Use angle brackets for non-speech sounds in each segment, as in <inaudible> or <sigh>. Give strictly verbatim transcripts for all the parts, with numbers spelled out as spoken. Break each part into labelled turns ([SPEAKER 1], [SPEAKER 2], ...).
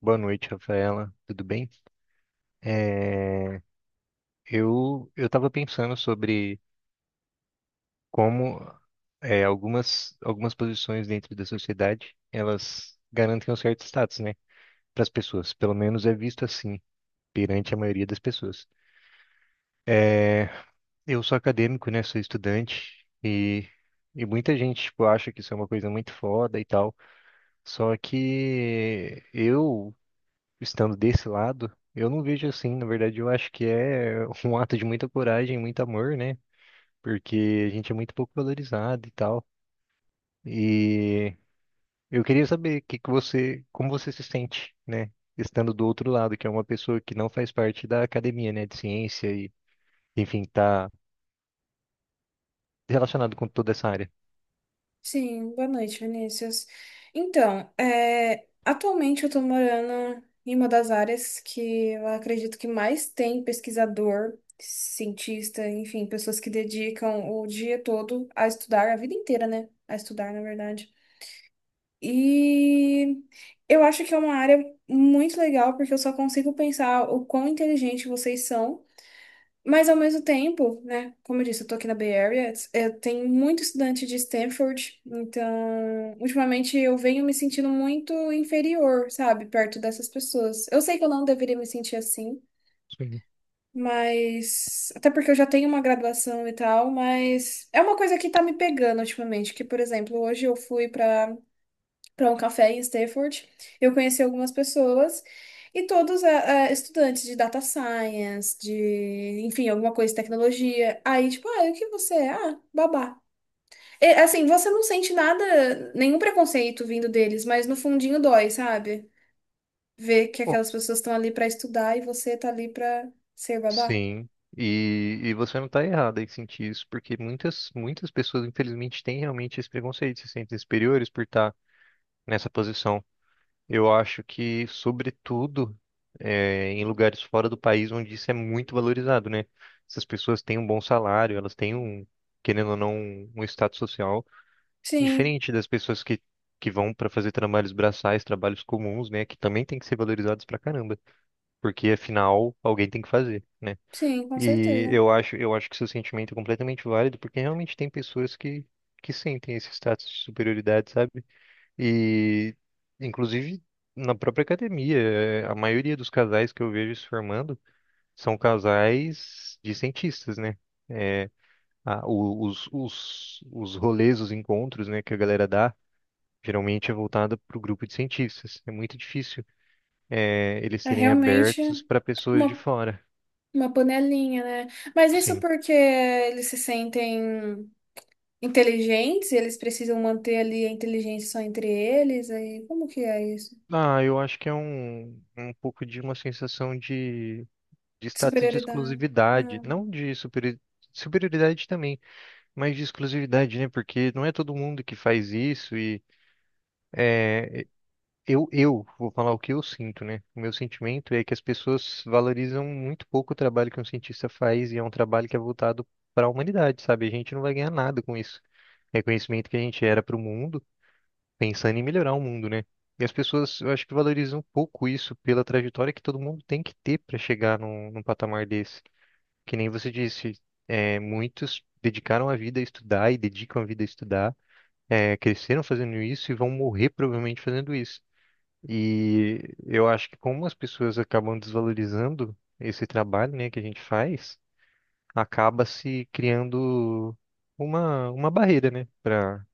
[SPEAKER 1] Boa noite, Rafaela. Tudo bem? É, eu eu estava pensando sobre como é, algumas algumas posições dentro da sociedade elas garantem um certo status, né, para as pessoas. Pelo menos é visto assim perante a maioria das pessoas. É, eu sou acadêmico, né? Sou estudante e e muita gente tipo acha que isso é uma coisa muito foda e tal. Só que eu, estando desse lado, eu não vejo assim. Na verdade, eu acho que é <laughs> um ato de muita coragem, muito amor, né? Porque a gente é muito pouco valorizado e tal. E eu queria saber que que você, como você se sente, né? Estando do outro lado, que é uma pessoa que não faz parte da academia, né? De ciência e, enfim, tá relacionado com toda essa área.
[SPEAKER 2] Sim, boa noite, Vinícius. Então, é, atualmente eu estou morando em uma das áreas que eu acredito que mais tem pesquisador, cientista, enfim, pessoas que dedicam o dia todo a estudar, a vida inteira, né? A estudar, na verdade. E eu acho que é uma área muito legal, porque eu só consigo pensar o quão inteligente vocês são. Mas ao mesmo tempo, né? Como eu disse, eu tô aqui na Bay Area, eu tenho muito estudante de Stanford, então ultimamente eu venho me sentindo muito inferior, sabe, perto dessas pessoas. Eu sei que eu não deveria me sentir assim,
[SPEAKER 1] Sim.
[SPEAKER 2] mas até porque eu já tenho uma graduação e tal, mas é uma coisa que tá me pegando ultimamente, que por exemplo, hoje eu fui para para um café em Stanford. Eu conheci algumas pessoas e todos eh, eh, estudantes de data science, de, enfim, alguma coisa de tecnologia. Aí, tipo, ah, e o que você é? Ah, babá. E, assim, você não sente nada, nenhum preconceito vindo deles, mas no fundinho dói, sabe? Ver que
[SPEAKER 1] Oh,
[SPEAKER 2] aquelas pessoas estão ali para estudar e você tá ali para ser babá.
[SPEAKER 1] sim, e, e você não está errada em sentir isso, porque muitas, muitas pessoas, infelizmente, têm realmente esse preconceito, se sentem superiores por estar nessa posição. Eu acho que, sobretudo, eh, em lugares fora do país onde isso é muito valorizado, né? Essas pessoas têm um bom salário, elas têm um, querendo ou não, um status social
[SPEAKER 2] Sim,
[SPEAKER 1] diferente das pessoas que, que vão para fazer trabalhos braçais, trabalhos comuns, né? Que também tem que ser valorizados pra caramba, porque afinal alguém tem que fazer, né?
[SPEAKER 2] sim, com
[SPEAKER 1] E
[SPEAKER 2] certeza.
[SPEAKER 1] eu acho, eu acho que seu sentimento é completamente válido, porque realmente tem pessoas que, que sentem esse status de superioridade, sabe? E, inclusive, na própria academia, eh, a maioria dos casais que eu vejo se formando são casais de cientistas, né? É, a- o- os, os, os rolês, os encontros, né, que a galera dá, geralmente é voltada para o grupo de cientistas. É muito difícil, eh, eles
[SPEAKER 2] É
[SPEAKER 1] serem
[SPEAKER 2] realmente
[SPEAKER 1] abertos para pessoas de
[SPEAKER 2] uma,
[SPEAKER 1] fora.
[SPEAKER 2] uma panelinha, né? Mas isso
[SPEAKER 1] Sim.
[SPEAKER 2] porque eles se sentem inteligentes, e eles precisam manter ali a inteligência só entre eles, aí como que é isso?
[SPEAKER 1] Ah, eu acho que é um, um pouco de uma sensação de, de status de
[SPEAKER 2] Superioridade.
[SPEAKER 1] exclusividade,
[SPEAKER 2] Ah,
[SPEAKER 1] não de superi superioridade também, mais de exclusividade, né? Porque não é todo mundo que faz isso e eu, eu vou falar o que eu sinto, né? O meu sentimento é que as pessoas valorizam muito pouco o trabalho que um cientista faz e é um trabalho que é voltado para a humanidade, sabe? A gente não vai ganhar nada com isso. É conhecimento que a gente era para o mundo, pensando em melhorar o mundo, né? E as pessoas, eu acho que valorizam um pouco isso pela trajetória que todo mundo tem que ter para chegar num, num patamar desse. Que nem você disse, é, muitos dedicaram a vida a estudar e dedicam a vida a estudar. é, cresceram fazendo isso e vão morrer provavelmente fazendo isso. E eu acho que como as pessoas acabam desvalorizando esse trabalho, né, que a gente faz, acaba se criando uma, uma barreira, né, para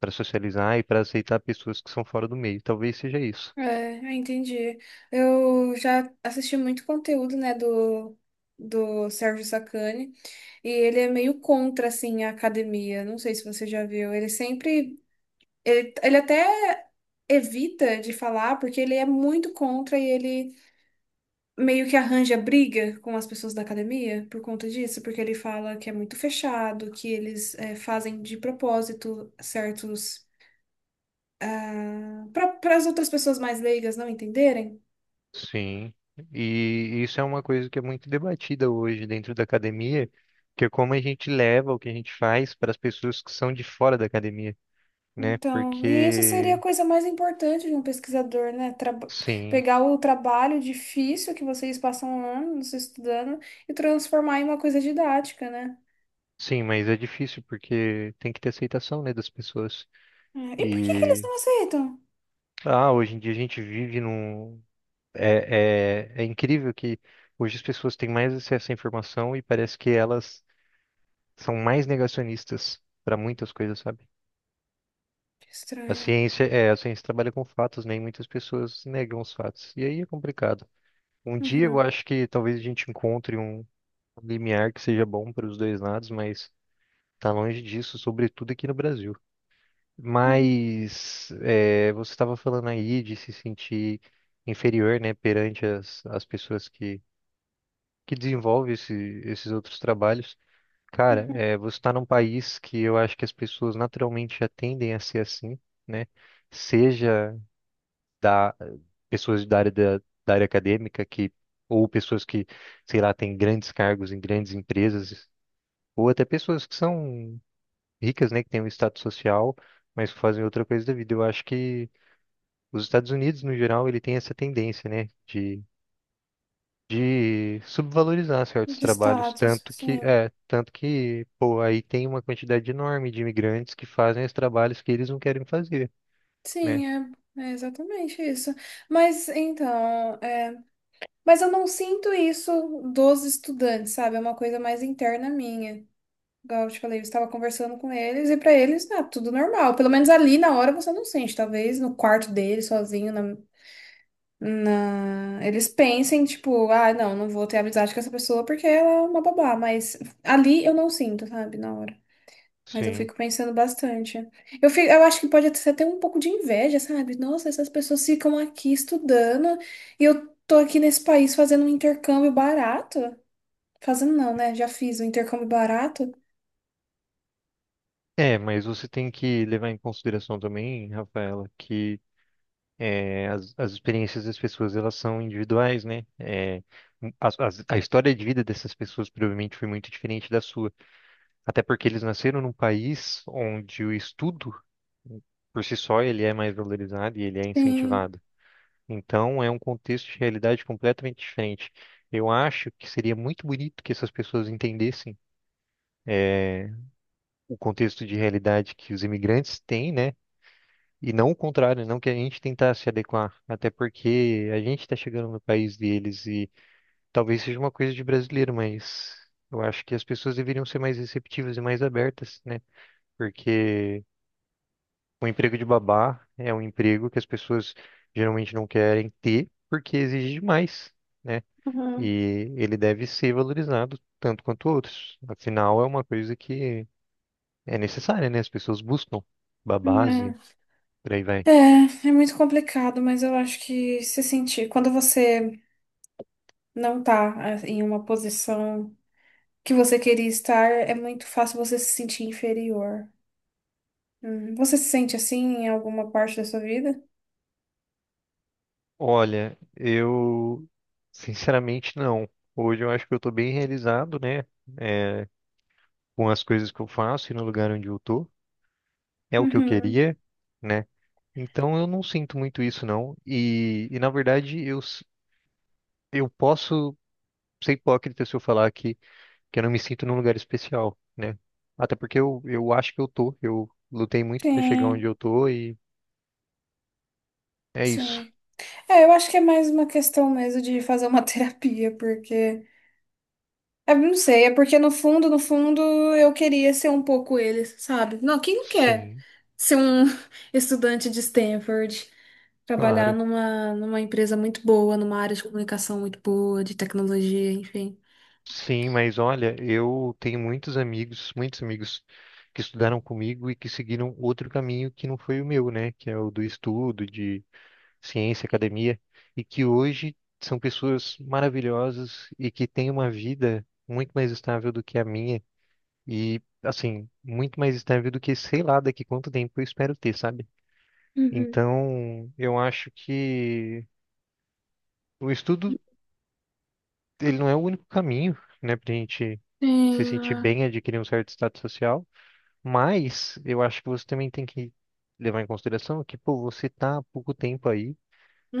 [SPEAKER 1] para socializar e para aceitar pessoas que são fora do meio. Talvez seja isso.
[SPEAKER 2] é, eu entendi. Eu já assisti muito conteúdo, né, do, do Sérgio Sacani, e ele é meio contra, assim, a academia. Não sei se você já viu. Ele sempre... Ele, ele até evita de falar, porque ele é muito contra e ele meio que arranja briga com as pessoas da academia por conta disso, porque ele fala que é muito fechado, que eles é, fazem de propósito certos para as outras pessoas mais leigas não entenderem.
[SPEAKER 1] Sim. E isso é uma coisa que é muito debatida hoje dentro da academia, que é como a gente leva o que a gente faz para as pessoas que são de fora da academia, né?
[SPEAKER 2] Então, e isso seria a
[SPEAKER 1] Porque,
[SPEAKER 2] coisa mais importante de um pesquisador, né? Traba-
[SPEAKER 1] sim.
[SPEAKER 2] pegar o trabalho difícil que vocês passam anos estudando e transformar em uma coisa didática, né?
[SPEAKER 1] Sim, mas é difícil porque tem que ter aceitação, né, das pessoas.
[SPEAKER 2] É, e por que que eles
[SPEAKER 1] E
[SPEAKER 2] não aceitam?
[SPEAKER 1] ah, hoje em dia a gente vive num. É, é, é incrível que hoje as pessoas têm mais acesso à informação e parece que elas são mais negacionistas para muitas coisas, sabe?
[SPEAKER 2] Que
[SPEAKER 1] A
[SPEAKER 2] estranho.
[SPEAKER 1] ciência é, a ciência trabalha com fatos, né, e muitas pessoas negam os fatos. E aí é complicado. Um dia eu
[SPEAKER 2] Uhum,
[SPEAKER 1] acho que talvez a gente encontre um limiar que seja bom para os dois lados, mas tá longe disso, sobretudo aqui no Brasil.
[SPEAKER 2] uhum,
[SPEAKER 1] Mas é, você estava falando aí de se sentir inferior, né, perante as, as pessoas que, que desenvolvem esse, esses outros trabalhos. Cara,
[SPEAKER 2] uhum.
[SPEAKER 1] é, você está num país que eu acho que as pessoas naturalmente já tendem a ser assim, né? Seja da pessoas da área da, da área acadêmica, que ou pessoas que, sei lá, têm grandes cargos em grandes empresas, ou até pessoas que são ricas, né, que têm um status social, mas que fazem outra coisa da vida. Eu acho que os Estados Unidos, no geral, ele tem essa tendência, né, de, de subvalorizar certos
[SPEAKER 2] De
[SPEAKER 1] trabalhos,
[SPEAKER 2] status,
[SPEAKER 1] tanto que,
[SPEAKER 2] sim.
[SPEAKER 1] é, tanto que, pô, aí tem uma quantidade enorme de imigrantes que fazem os trabalhos que eles não querem fazer, né?
[SPEAKER 2] Sim, é, é exatamente isso. Mas então, é, mas eu não sinto isso dos estudantes, sabe? É uma coisa mais interna minha. Igual eu te falei, eu estava conversando com eles e para eles tá tudo normal. Pelo menos ali na hora você não sente. Talvez no quarto deles, sozinho, na, na... eles pensem, tipo, ah, não, não vou ter amizade com essa pessoa porque ela é uma babá. Mas ali eu não sinto, sabe? Na hora. Mas eu
[SPEAKER 1] Sim.
[SPEAKER 2] fico pensando bastante. Eu, fico, eu acho que pode ser até ter um pouco de inveja, sabe? Nossa, essas pessoas ficam aqui estudando e eu tô aqui nesse país fazendo um intercâmbio barato. Fazendo não, né? Já fiz um intercâmbio barato.
[SPEAKER 1] É, mas você tem que levar em consideração também, Rafaela, que é, as, as experiências das pessoas, elas são individuais, né? É, as- as- a história de vida dessas pessoas provavelmente foi muito diferente da sua. Até porque eles nasceram num país onde o estudo, por si só, ele é mais valorizado e ele é
[SPEAKER 2] Sim.
[SPEAKER 1] incentivado. Então, é um contexto de realidade completamente diferente. Eu acho que seria muito bonito que essas pessoas entendessem é, o contexto de realidade que os imigrantes têm, né? E não o contrário, não que a gente tentar se adequar, até porque a gente está chegando no país deles e talvez seja uma coisa de brasileiro, mas eu acho que as pessoas deveriam ser mais receptivas e mais abertas, né? Porque o emprego de babá é um emprego que as pessoas geralmente não querem ter porque exige demais, né?
[SPEAKER 2] Uhum.
[SPEAKER 1] E ele deve ser valorizado tanto quanto outros. Afinal, é uma coisa que é necessária, né? As pessoas buscam babás e por aí vai.
[SPEAKER 2] É. É, é muito complicado, mas eu acho que se sentir, quando você não tá ah, em uma posição que você queria estar, é muito fácil você se sentir inferior. Uhum. Você se sente assim em alguma parte da sua vida?
[SPEAKER 1] Olha, eu sinceramente não. Hoje eu acho que eu estou bem realizado, né? É, com as coisas que eu faço e no lugar onde eu tô. É o que eu
[SPEAKER 2] Uhum.
[SPEAKER 1] queria, né? Então eu não sinto muito isso, não. E, e, na verdade, eu, Eu posso ser hipócrita se eu falar que, que eu não me sinto num lugar especial, né? Até porque eu, eu acho que eu tô. Eu lutei muito pra chegar onde
[SPEAKER 2] Sim,
[SPEAKER 1] eu tô e é isso.
[SPEAKER 2] sim. É, eu acho que é mais uma questão mesmo de fazer uma <laughs> terapia, porque. Eu não sei, é porque no fundo, no fundo, eu queria ser um pouco eles, sabe? Não, quem não quer
[SPEAKER 1] Sim,
[SPEAKER 2] ser um <laughs> estudante de Stanford, trabalhar
[SPEAKER 1] claro.
[SPEAKER 2] numa, numa empresa muito boa, numa área de comunicação muito boa, de tecnologia, enfim.
[SPEAKER 1] Sim, mas olha, eu tenho muitos amigos, muitos amigos que estudaram comigo e que seguiram outro caminho que não foi o meu, né? Que é o do estudo, de ciência, academia, e que hoje são pessoas maravilhosas e que têm uma vida muito mais estável do que a minha. E, assim, muito mais estável do que sei lá daqui quanto tempo eu espero ter, sabe?
[SPEAKER 2] Uhum.
[SPEAKER 1] Então, eu acho que o estudo, ele não é o único caminho, né, pra gente se
[SPEAKER 2] Sim, não
[SPEAKER 1] sentir
[SPEAKER 2] é.
[SPEAKER 1] bem, adquirir um certo status social, mas eu acho que você também tem que levar em consideração que, pô, você tá há pouco tempo aí,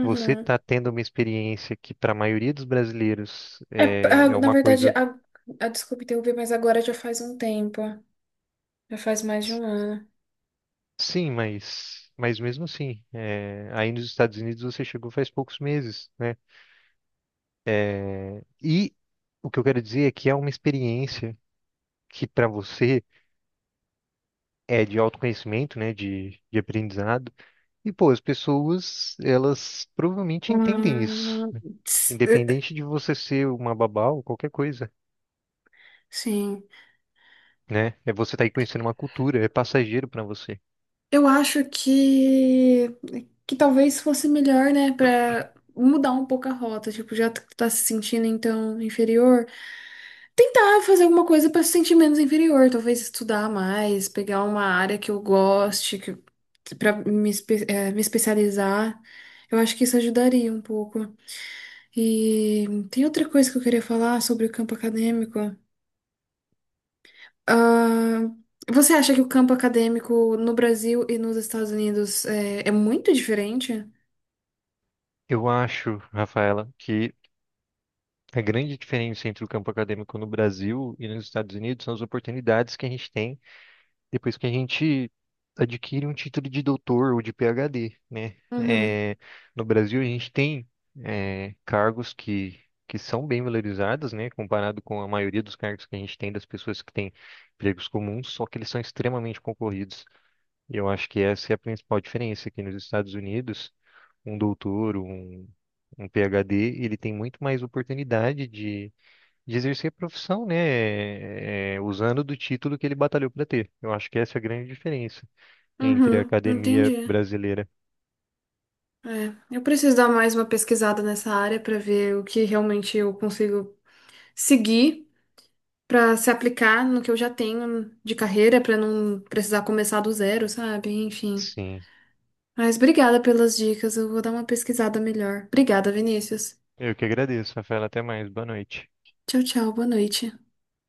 [SPEAKER 1] você tá tendo uma experiência que, para a maioria dos brasileiros,
[SPEAKER 2] É,
[SPEAKER 1] é,
[SPEAKER 2] ah,
[SPEAKER 1] é
[SPEAKER 2] na
[SPEAKER 1] uma
[SPEAKER 2] verdade,
[SPEAKER 1] coisa,
[SPEAKER 2] a, a, desculpa interromper, mas agora já faz um tempo. Já faz mais de um ano.
[SPEAKER 1] sim, mas, mas mesmo assim, é, aí nos Estados Unidos você chegou faz poucos meses, né? E o que eu quero dizer é que é uma experiência que para você é de autoconhecimento, né, de, de aprendizado. E pô, as pessoas, elas provavelmente entendem isso,
[SPEAKER 2] Hum,
[SPEAKER 1] né?
[SPEAKER 2] ts- eh, eh,
[SPEAKER 1] Independente de você ser uma babá ou qualquer coisa,
[SPEAKER 2] Sim.
[SPEAKER 1] né? É você estar aí conhecendo uma cultura, é passageiro para você.
[SPEAKER 2] Eu acho que que talvez fosse melhor, né, pra mudar um pouco a rota, tipo, já t- tá se sentindo então inferior, tentar fazer alguma coisa pra se sentir menos inferior, talvez estudar mais, pegar uma área que eu goste, que para me, espe- eh, me especializar. Eu acho que isso ajudaria um pouco. E tem outra coisa que eu queria falar sobre o campo acadêmico. Ah, você acha que o campo acadêmico no Brasil e nos Estados Unidos é, é muito diferente?
[SPEAKER 1] Eu acho, Rafaela, que a grande diferença entre o campo acadêmico no Brasil e nos Estados Unidos são as oportunidades que a gente tem depois que a gente adquire um título de doutor ou de P H D, né?
[SPEAKER 2] Uhum,
[SPEAKER 1] É, no Brasil a gente tem é, cargos que, que são bem valorizados, né? Comparado com a maioria dos cargos que a gente tem das pessoas que têm empregos comuns, só que eles são extremamente concorridos. E eu acho que essa é a principal diferença aqui nos Estados Unidos, um doutor, um, um P H D, ele tem muito mais oportunidade de exercer a profissão, né? é, usando do título que ele batalhou para ter. Eu acho que essa é a grande diferença entre a
[SPEAKER 2] uhum,
[SPEAKER 1] academia
[SPEAKER 2] entendi.
[SPEAKER 1] brasileira.
[SPEAKER 2] É, eu preciso dar mais uma pesquisada nessa área para ver o que realmente eu consigo seguir para se aplicar no que eu já tenho de carreira, para não precisar começar do zero, sabe? Enfim.
[SPEAKER 1] Sim.
[SPEAKER 2] Mas obrigada pelas dicas, eu vou dar uma pesquisada melhor. Obrigada, Vinícius.
[SPEAKER 1] Eu que agradeço, Rafael. Até mais. Boa noite.
[SPEAKER 2] Tchau, tchau, boa noite.